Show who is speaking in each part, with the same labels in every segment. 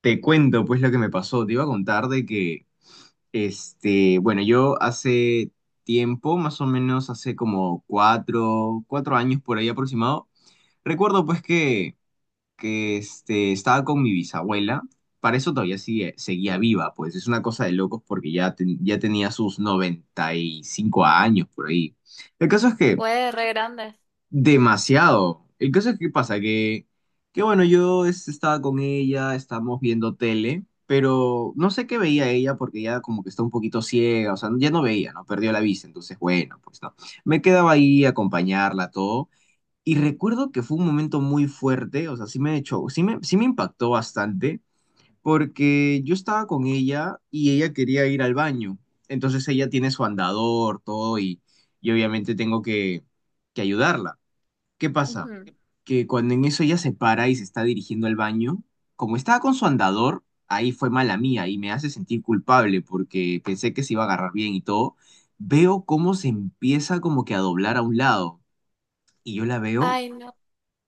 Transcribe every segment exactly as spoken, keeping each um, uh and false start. Speaker 1: Te cuento pues lo que me pasó. Te iba a contar de que, este, bueno, yo hace tiempo, más o menos hace como cuatro, cuatro años por ahí aproximado. Recuerdo pues que, que este, estaba con mi bisabuela. Para eso todavía sigue, seguía viva, pues es una cosa de locos porque ya, ten- ya tenía sus noventa y cinco años por ahí. El caso es que.
Speaker 2: Fue re grande.
Speaker 1: Demasiado. El caso es que pasa que, que bueno, yo es- estaba con ella, estábamos viendo tele, pero no sé qué veía ella porque ya como que está un poquito ciega, o sea, ya no veía, ¿no? Perdió la vista, entonces bueno, pues no. Me quedaba ahí a acompañarla, todo. Y recuerdo que fue un momento muy fuerte, o sea, sí me echó, sí me, sí me impactó bastante porque yo estaba con ella y ella quería ir al baño. Entonces ella tiene su andador, todo, y, y obviamente tengo que que ayudarla. ¿Qué pasa?
Speaker 2: Ujú.
Speaker 1: Que cuando en eso ella se para y se está dirigiendo al baño, como estaba con su andador, ahí fue mala mía y me hace sentir culpable porque pensé que se iba a agarrar bien y todo. Veo cómo se empieza como que a doblar a un lado y yo la veo
Speaker 2: Ay, no.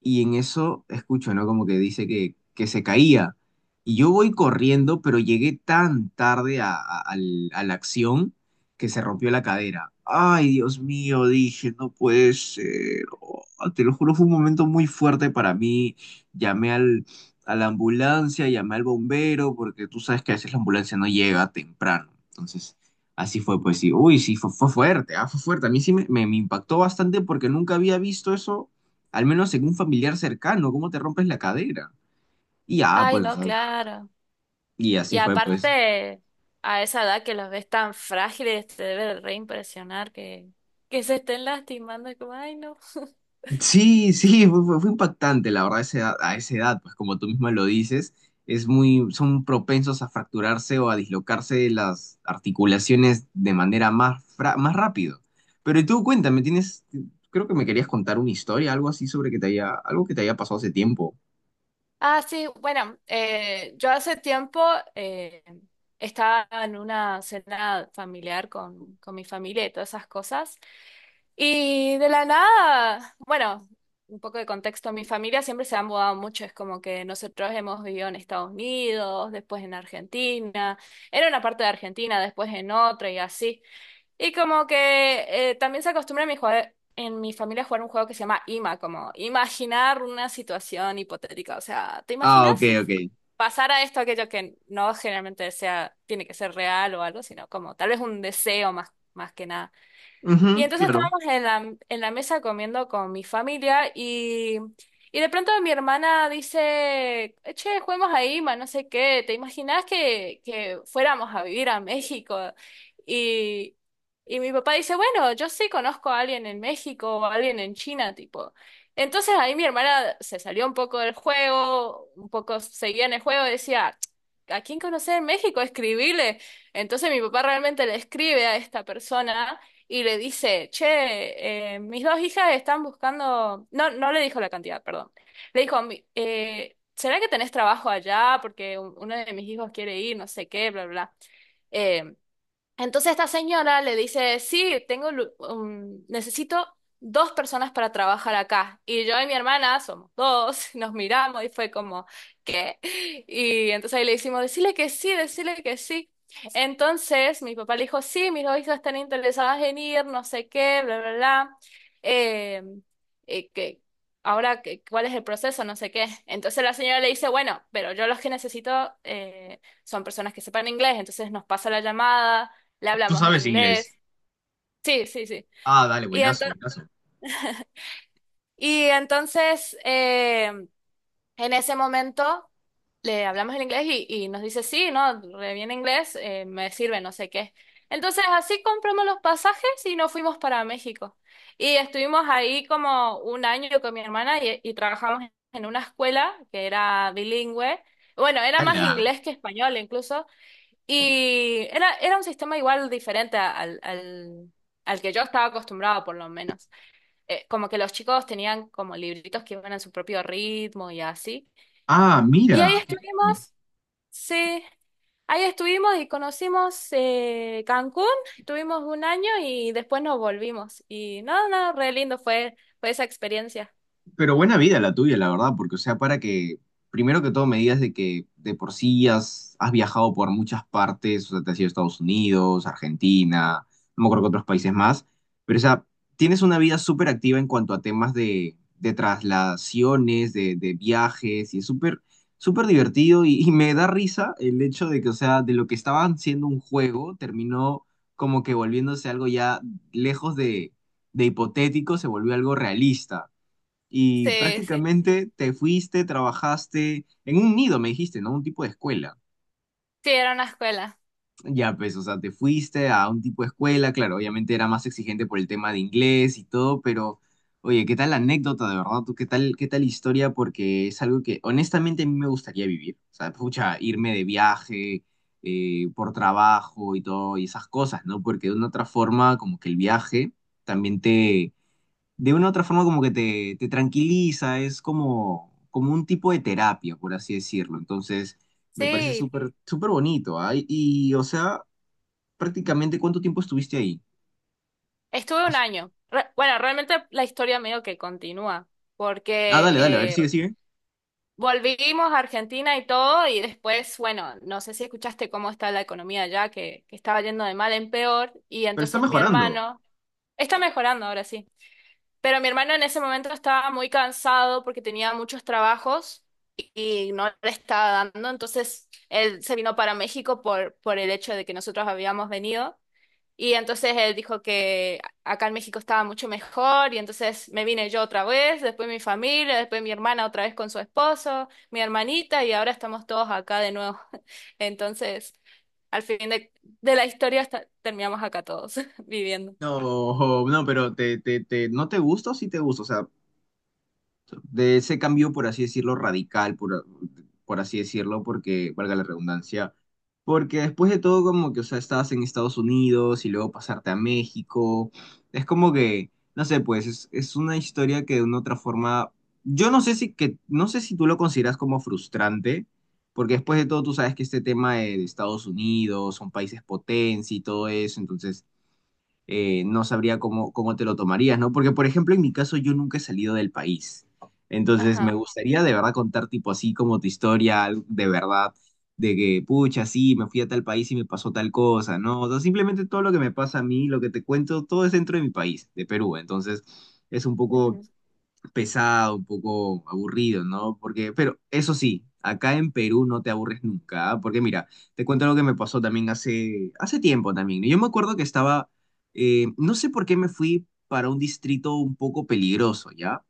Speaker 1: y en eso escucho, ¿no? Como que dice que, que se caía. Y yo voy corriendo, pero llegué tan tarde a, a- al- a la acción, que se rompió la cadera. Ay, Dios mío, dije, no puede ser. Oh, te lo juro, fue un momento muy fuerte para mí. Llamé al, a la ambulancia, llamé al bombero, porque tú sabes que a veces la ambulancia no llega temprano. Entonces, así fue, pues sí. Uy, sí, fue, fue fuerte, ah, fue fuerte. A mí sí me, me me impactó bastante porque nunca había visto eso, al menos en un familiar cercano. ¿Cómo te rompes la cadera? Y ya,
Speaker 2: Ay,
Speaker 1: pues, o
Speaker 2: no,
Speaker 1: sea,
Speaker 2: claro.
Speaker 1: y
Speaker 2: Y
Speaker 1: así fue, pues.
Speaker 2: aparte, a esa edad que los ves tan frágiles, te debe de re impresionar que, que se estén lastimando. Es como, ay, no.
Speaker 1: Sí, sí, fue, fue- fue impactante, la verdad, a esa edad, a esa edad, pues como tú misma lo dices, es muy, son propensos a fracturarse o a dislocarse las articulaciones de manera más, fra- más rápido. Pero tú cuéntame, tienes, creo que me querías contar una historia, algo así sobre que te haya, algo que te haya pasado hace tiempo.
Speaker 2: Ah, sí, bueno, eh, yo hace tiempo eh, estaba en una cena familiar con, con mi familia y todas esas cosas. Y de la nada, bueno, un poco de contexto, mi familia siempre se ha mudado mucho, es como que nosotros hemos vivido en Estados Unidos, después en Argentina, en una parte de Argentina, después en otra y así. Y como que eh, también se acostumbra en mi, jue- en mi familia a jugar un juego que se llama IMA, como imaginar una situación hipotética, o sea, ¿te
Speaker 1: Ah,
Speaker 2: imaginas
Speaker 1: ok,
Speaker 2: si
Speaker 1: ok.
Speaker 2: pasara esto, aquello que no generalmente sea, tiene que ser real o algo, sino como tal vez un deseo más, más que nada? Y
Speaker 1: Ujú,
Speaker 2: entonces
Speaker 1: claro.
Speaker 2: estábamos en la, en la mesa comiendo con mi familia y, y de pronto mi hermana dice, che, juguemos a IMA, no sé qué, ¿te imaginás que, que fuéramos a vivir a México? Y, y mi papá dice, bueno, yo sí conozco a alguien en México o a alguien en China, tipo. Entonces ahí mi hermana se salió un poco del juego, un poco seguía en el juego, decía, ¿a quién conocer en México? Escribile. Entonces mi papá realmente le escribe a esta persona y le dice, che, eh, mis dos hijas están buscando, no, no le dijo la cantidad, perdón, le dijo: "Mi- eh, ¿será que tenés trabajo allá? Porque un- uno de mis hijos quiere ir, no sé qué, bla, bla, bla". Eh, entonces esta señora le dice, sí, tengo, lu- um, necesito dos personas para trabajar acá. Y yo y mi hermana somos dos, nos miramos y fue como, ¿qué? Y entonces ahí le hicimos, decirle que sí, decirle que sí. Entonces mi papá le dijo, sí, mis dos hijas están interesadas en ir, no sé qué, bla, bla, bla. Eh, eh, que, Ahora, que- ¿cuál es el proceso? No sé qué. Entonces la señora le dice, bueno, pero yo los que necesito eh, son personas que sepan inglés, entonces nos pasa la llamada, le
Speaker 1: Tú
Speaker 2: hablamos en
Speaker 1: sabes inglés.
Speaker 2: inglés. Sí, sí, sí.
Speaker 1: Ah, dale,
Speaker 2: Y,
Speaker 1: buenazo,
Speaker 2: ento-
Speaker 1: buenazo.
Speaker 2: y entonces, eh, en ese momento, le hablamos en inglés y, y nos dice, sí, no, re bien inglés, eh, me sirve, no sé qué. Entonces, así compramos los pasajes y nos fuimos para México. Y estuvimos ahí como un año con mi hermana y, y trabajamos en una escuela que era bilingüe. Bueno, era más
Speaker 1: ¡Hala!
Speaker 2: inglés que español, incluso. Y era, era un sistema igual diferente al, al, al que yo estaba acostumbrado, por lo menos. Eh, como que los chicos tenían como libritos que iban a su propio ritmo y así.
Speaker 1: Ah,
Speaker 2: Y ahí
Speaker 1: mira, qué.
Speaker 2: estuvimos, sí, ahí estuvimos y conocimos eh, Cancún, estuvimos un año y después nos volvimos. Y no, no, re lindo fue, fue esa experiencia.
Speaker 1: Pero buena vida la tuya, la verdad, porque, o sea, para que, primero que todo, me digas de que de por sí has, has viajado por muchas partes, o sea, te has ido a Estados Unidos, Argentina, no me acuerdo que otros países más, pero, o sea, tienes una vida súper activa en cuanto a temas de, de traslaciones, de, de viajes, y es súper, súper divertido, y, y me da risa el hecho de que, o sea, de lo que estaban siendo un juego, terminó como que volviéndose algo ya lejos de de hipotético, se volvió algo realista y
Speaker 2: Sí, sí,
Speaker 1: prácticamente te fuiste, trabajaste en un nido, me dijiste, ¿no? Un tipo de escuela.
Speaker 2: sí, era una escuela.
Speaker 1: Ya, pues, o sea, te fuiste a un tipo de escuela, claro, obviamente era más exigente por el tema de inglés y todo, pero oye, ¿qué tal la anécdota, de verdad? Tú qué tal, qué tal historia. Porque es algo que honestamente a mí me gustaría vivir. O sea, pucha, irme de viaje, eh, por trabajo y todo, y esas cosas, ¿no? Porque de una otra forma, como que el viaje también te de una u otra forma como que te, te tranquiliza, es como, como un tipo de terapia, por así decirlo. Entonces, me parece
Speaker 2: Sí,
Speaker 1: súper, súper bonito, ¿ah? Y, y, o sea, prácticamente, ¿cuánto tiempo estuviste ahí?
Speaker 2: estuve un año. Re- bueno, realmente la historia medio que continúa,
Speaker 1: Ah,
Speaker 2: porque...
Speaker 1: dale, dale, a ver,
Speaker 2: eh,
Speaker 1: sigue, sigue.
Speaker 2: volvimos a Argentina y todo, y después, bueno, no sé si escuchaste cómo está la economía allá, que, que estaba yendo de mal en peor, y
Speaker 1: Pero está
Speaker 2: entonces mi
Speaker 1: mejorando.
Speaker 2: hermano, está mejorando ahora sí, pero mi hermano en ese momento estaba muy cansado porque tenía muchos trabajos y, y no le estaba dando, entonces él se vino para México por, por el hecho de que nosotros habíamos venido. Y entonces él dijo que acá en México estaba mucho mejor y entonces me vine yo otra vez, después mi familia, después mi hermana otra vez con su esposo, mi hermanita y ahora estamos todos acá de nuevo. Entonces, al fin de, de la historia esta- terminamos acá todos viviendo.
Speaker 1: No, no, pero te, te, te, ¿no te gusta o sí te gusta? O sea, de ese cambio, por así decirlo, radical, por, por así decirlo, porque, valga la redundancia, porque después de todo, como que, o sea, estabas en Estados Unidos y luego pasarte a México, es como que, no sé, pues es, es una historia que de una otra forma, yo no sé si, que, no sé si tú lo consideras como frustrante, porque después de todo tú sabes que este tema de, de Estados Unidos, son países potencia y todo eso, entonces eh, no sabría cómo, cómo te lo tomarías, ¿no? Porque, por ejemplo, en mi caso yo nunca he salido del país. Entonces, me
Speaker 2: Ajá.
Speaker 1: gustaría de verdad contar tipo así como tu historia, algo de verdad, de que, pucha, sí, me fui a tal país y me pasó tal cosa, ¿no? O sea, simplemente todo lo que me pasa a mí, lo que te cuento, todo es dentro de mi país, de Perú. Entonces, es un poco
Speaker 2: Ujú.
Speaker 1: pesado, un poco aburrido, ¿no? Porque, pero eso sí, acá en Perú no te aburres nunca, ¿ah? Porque mira, te cuento algo que me pasó también hace, hace tiempo también, ¿no? Yo me acuerdo que estaba, eh, no sé por qué me fui para un distrito un poco peligroso, ¿ya?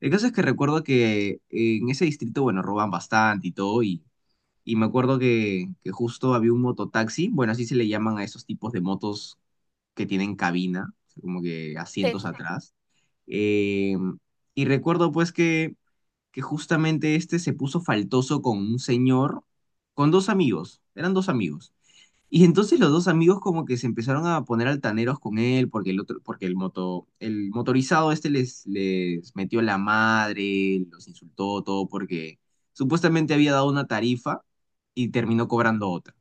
Speaker 1: El caso es que recuerdo que eh, en ese distrito, bueno, roban bastante y todo, y, y me acuerdo que, que justo había un mototaxi, bueno, así se le llaman a esos tipos de motos que tienen cabina, como que
Speaker 2: Sí,
Speaker 1: asientos atrás. Eh, y recuerdo pues que, que justamente este se puso faltoso con un señor, con dos amigos, eran dos amigos. Y entonces los dos amigos como que se empezaron a poner altaneros con él porque el otro, porque el moto, el motorizado este les, les metió la madre, los insultó todo porque supuestamente había dado una tarifa y terminó cobrando otra.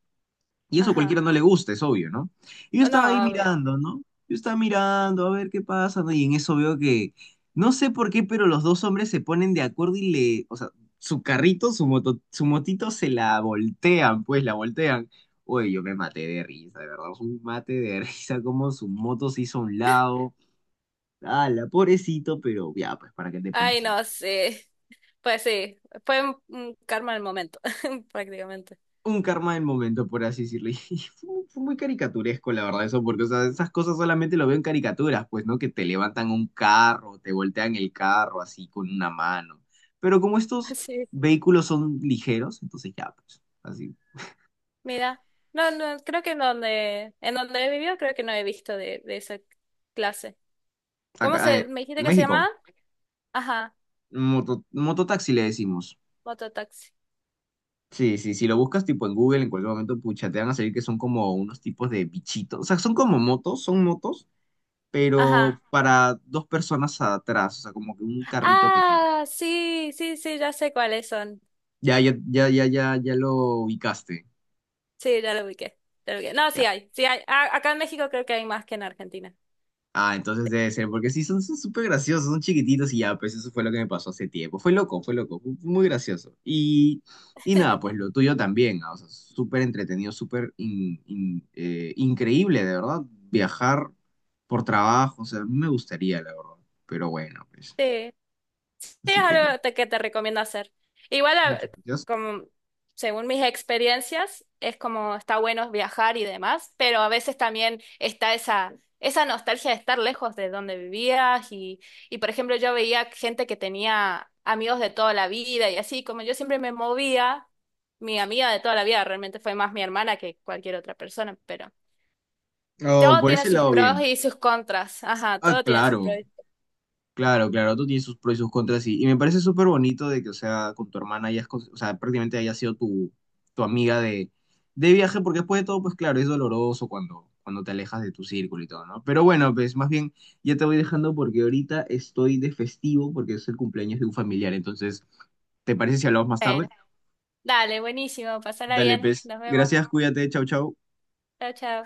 Speaker 1: Y eso a
Speaker 2: ajá.
Speaker 1: cualquiera no le gusta, es obvio, ¿no? Y yo
Speaker 2: Oh, no,
Speaker 1: estaba ahí
Speaker 2: obvio.
Speaker 1: mirando, ¿no? Yo estaba mirando a ver qué pasa, ¿no? Y en eso veo que, no sé por qué, pero los dos hombres se ponen de acuerdo y le, o sea, su carrito, su moto, su motito se la voltean, pues la voltean. Oye, yo me maté de risa, de verdad, un mate de risa, como su moto se hizo a un lado, la pobrecito, pero ya, pues, ¿para qué te
Speaker 2: Ay,
Speaker 1: pones?
Speaker 2: no, sí. Pues sí, fue un un karma del momento, prácticamente.
Speaker 1: Un karma del momento, por así decirlo. Y fue, muy fue muy caricaturesco, la verdad, eso, porque o sea, esas cosas solamente lo veo en caricaturas, pues, ¿no? Que te levantan un carro, te voltean el carro así con una mano. Pero como estos
Speaker 2: Sí.
Speaker 1: vehículos son ligeros, entonces ya, pues, así.
Speaker 2: Mira, no, no, creo que en donde, en donde he vivido creo que no he visto de, de esa clase. ¿Cómo
Speaker 1: Acá,
Speaker 2: se,
Speaker 1: eh,
Speaker 2: me dijiste
Speaker 1: en
Speaker 2: que se
Speaker 1: México,
Speaker 2: llamaba? Ajá,
Speaker 1: moto- mototaxi le decimos.
Speaker 2: mototaxi.
Speaker 1: Sí, sí, si lo buscas tipo en Google, en cualquier momento, pucha, te van a salir que son como unos tipos de bichitos. O sea, son como motos, son motos, pero
Speaker 2: Ajá.
Speaker 1: para dos personas atrás, o sea, como que un carrito pequeño.
Speaker 2: Ah, sí, sí, sí, ya sé cuáles son.
Speaker 1: Ya, ya, ya, ya, ya, ya lo ubicaste.
Speaker 2: Sí, ya lo ubiqué, ya lo ubiqué. No,
Speaker 1: Ya.
Speaker 2: sí hay, sí hay. A- acá en México creo que hay más que en Argentina.
Speaker 1: Ah, entonces debe ser, porque sí, son son súper graciosos, son chiquititos y ya, pues eso fue lo que me pasó hace tiempo. Fue loco, fue loco, fue muy gracioso. Y, y nada, pues lo tuyo también, ah, o sea, súper entretenido, súper in- in- eh, increíble, de verdad, viajar por trabajo, o sea, a mí me gustaría, la verdad. Pero bueno, pues,
Speaker 2: Sí. Sí, es
Speaker 1: así que nada.
Speaker 2: algo te- que te recomiendo hacer. Igual, a-
Speaker 1: Muchas gracias.
Speaker 2: como, según mis experiencias, es como está bueno viajar y demás, pero a veces también está esa, esa nostalgia de estar lejos de donde vivías y, y, por ejemplo, yo veía gente que tenía amigos de toda la vida y así, como yo siempre me movía, mi amiga de toda la vida realmente fue más mi hermana que cualquier otra persona, pero
Speaker 1: Oh,
Speaker 2: todo
Speaker 1: por
Speaker 2: tiene
Speaker 1: ese
Speaker 2: sus
Speaker 1: lado,
Speaker 2: pros
Speaker 1: bien.
Speaker 2: y sus contras. Ajá,
Speaker 1: Ah,
Speaker 2: todo tiene sus pros.
Speaker 1: claro.
Speaker 2: y-
Speaker 1: Claro, claro, tú tienes sus pros y sus contras, y, y me parece súper bonito de que, o sea, con tu hermana hayas, cons- o sea, prácticamente haya sido tu tu amiga de, de viaje, porque después de todo, pues claro, es doloroso cuando, cuando te alejas de tu círculo y todo, ¿no? Pero bueno, pues más bien ya te voy dejando porque ahorita estoy de festivo porque es el cumpleaños de un familiar, entonces, ¿te parece si hablamos más tarde?
Speaker 2: Bueno, dale, buenísimo, pasala
Speaker 1: Dale,
Speaker 2: bien,
Speaker 1: pues,
Speaker 2: nos vemos.
Speaker 1: gracias, cuídate, chau, chau.
Speaker 2: Chao, chao.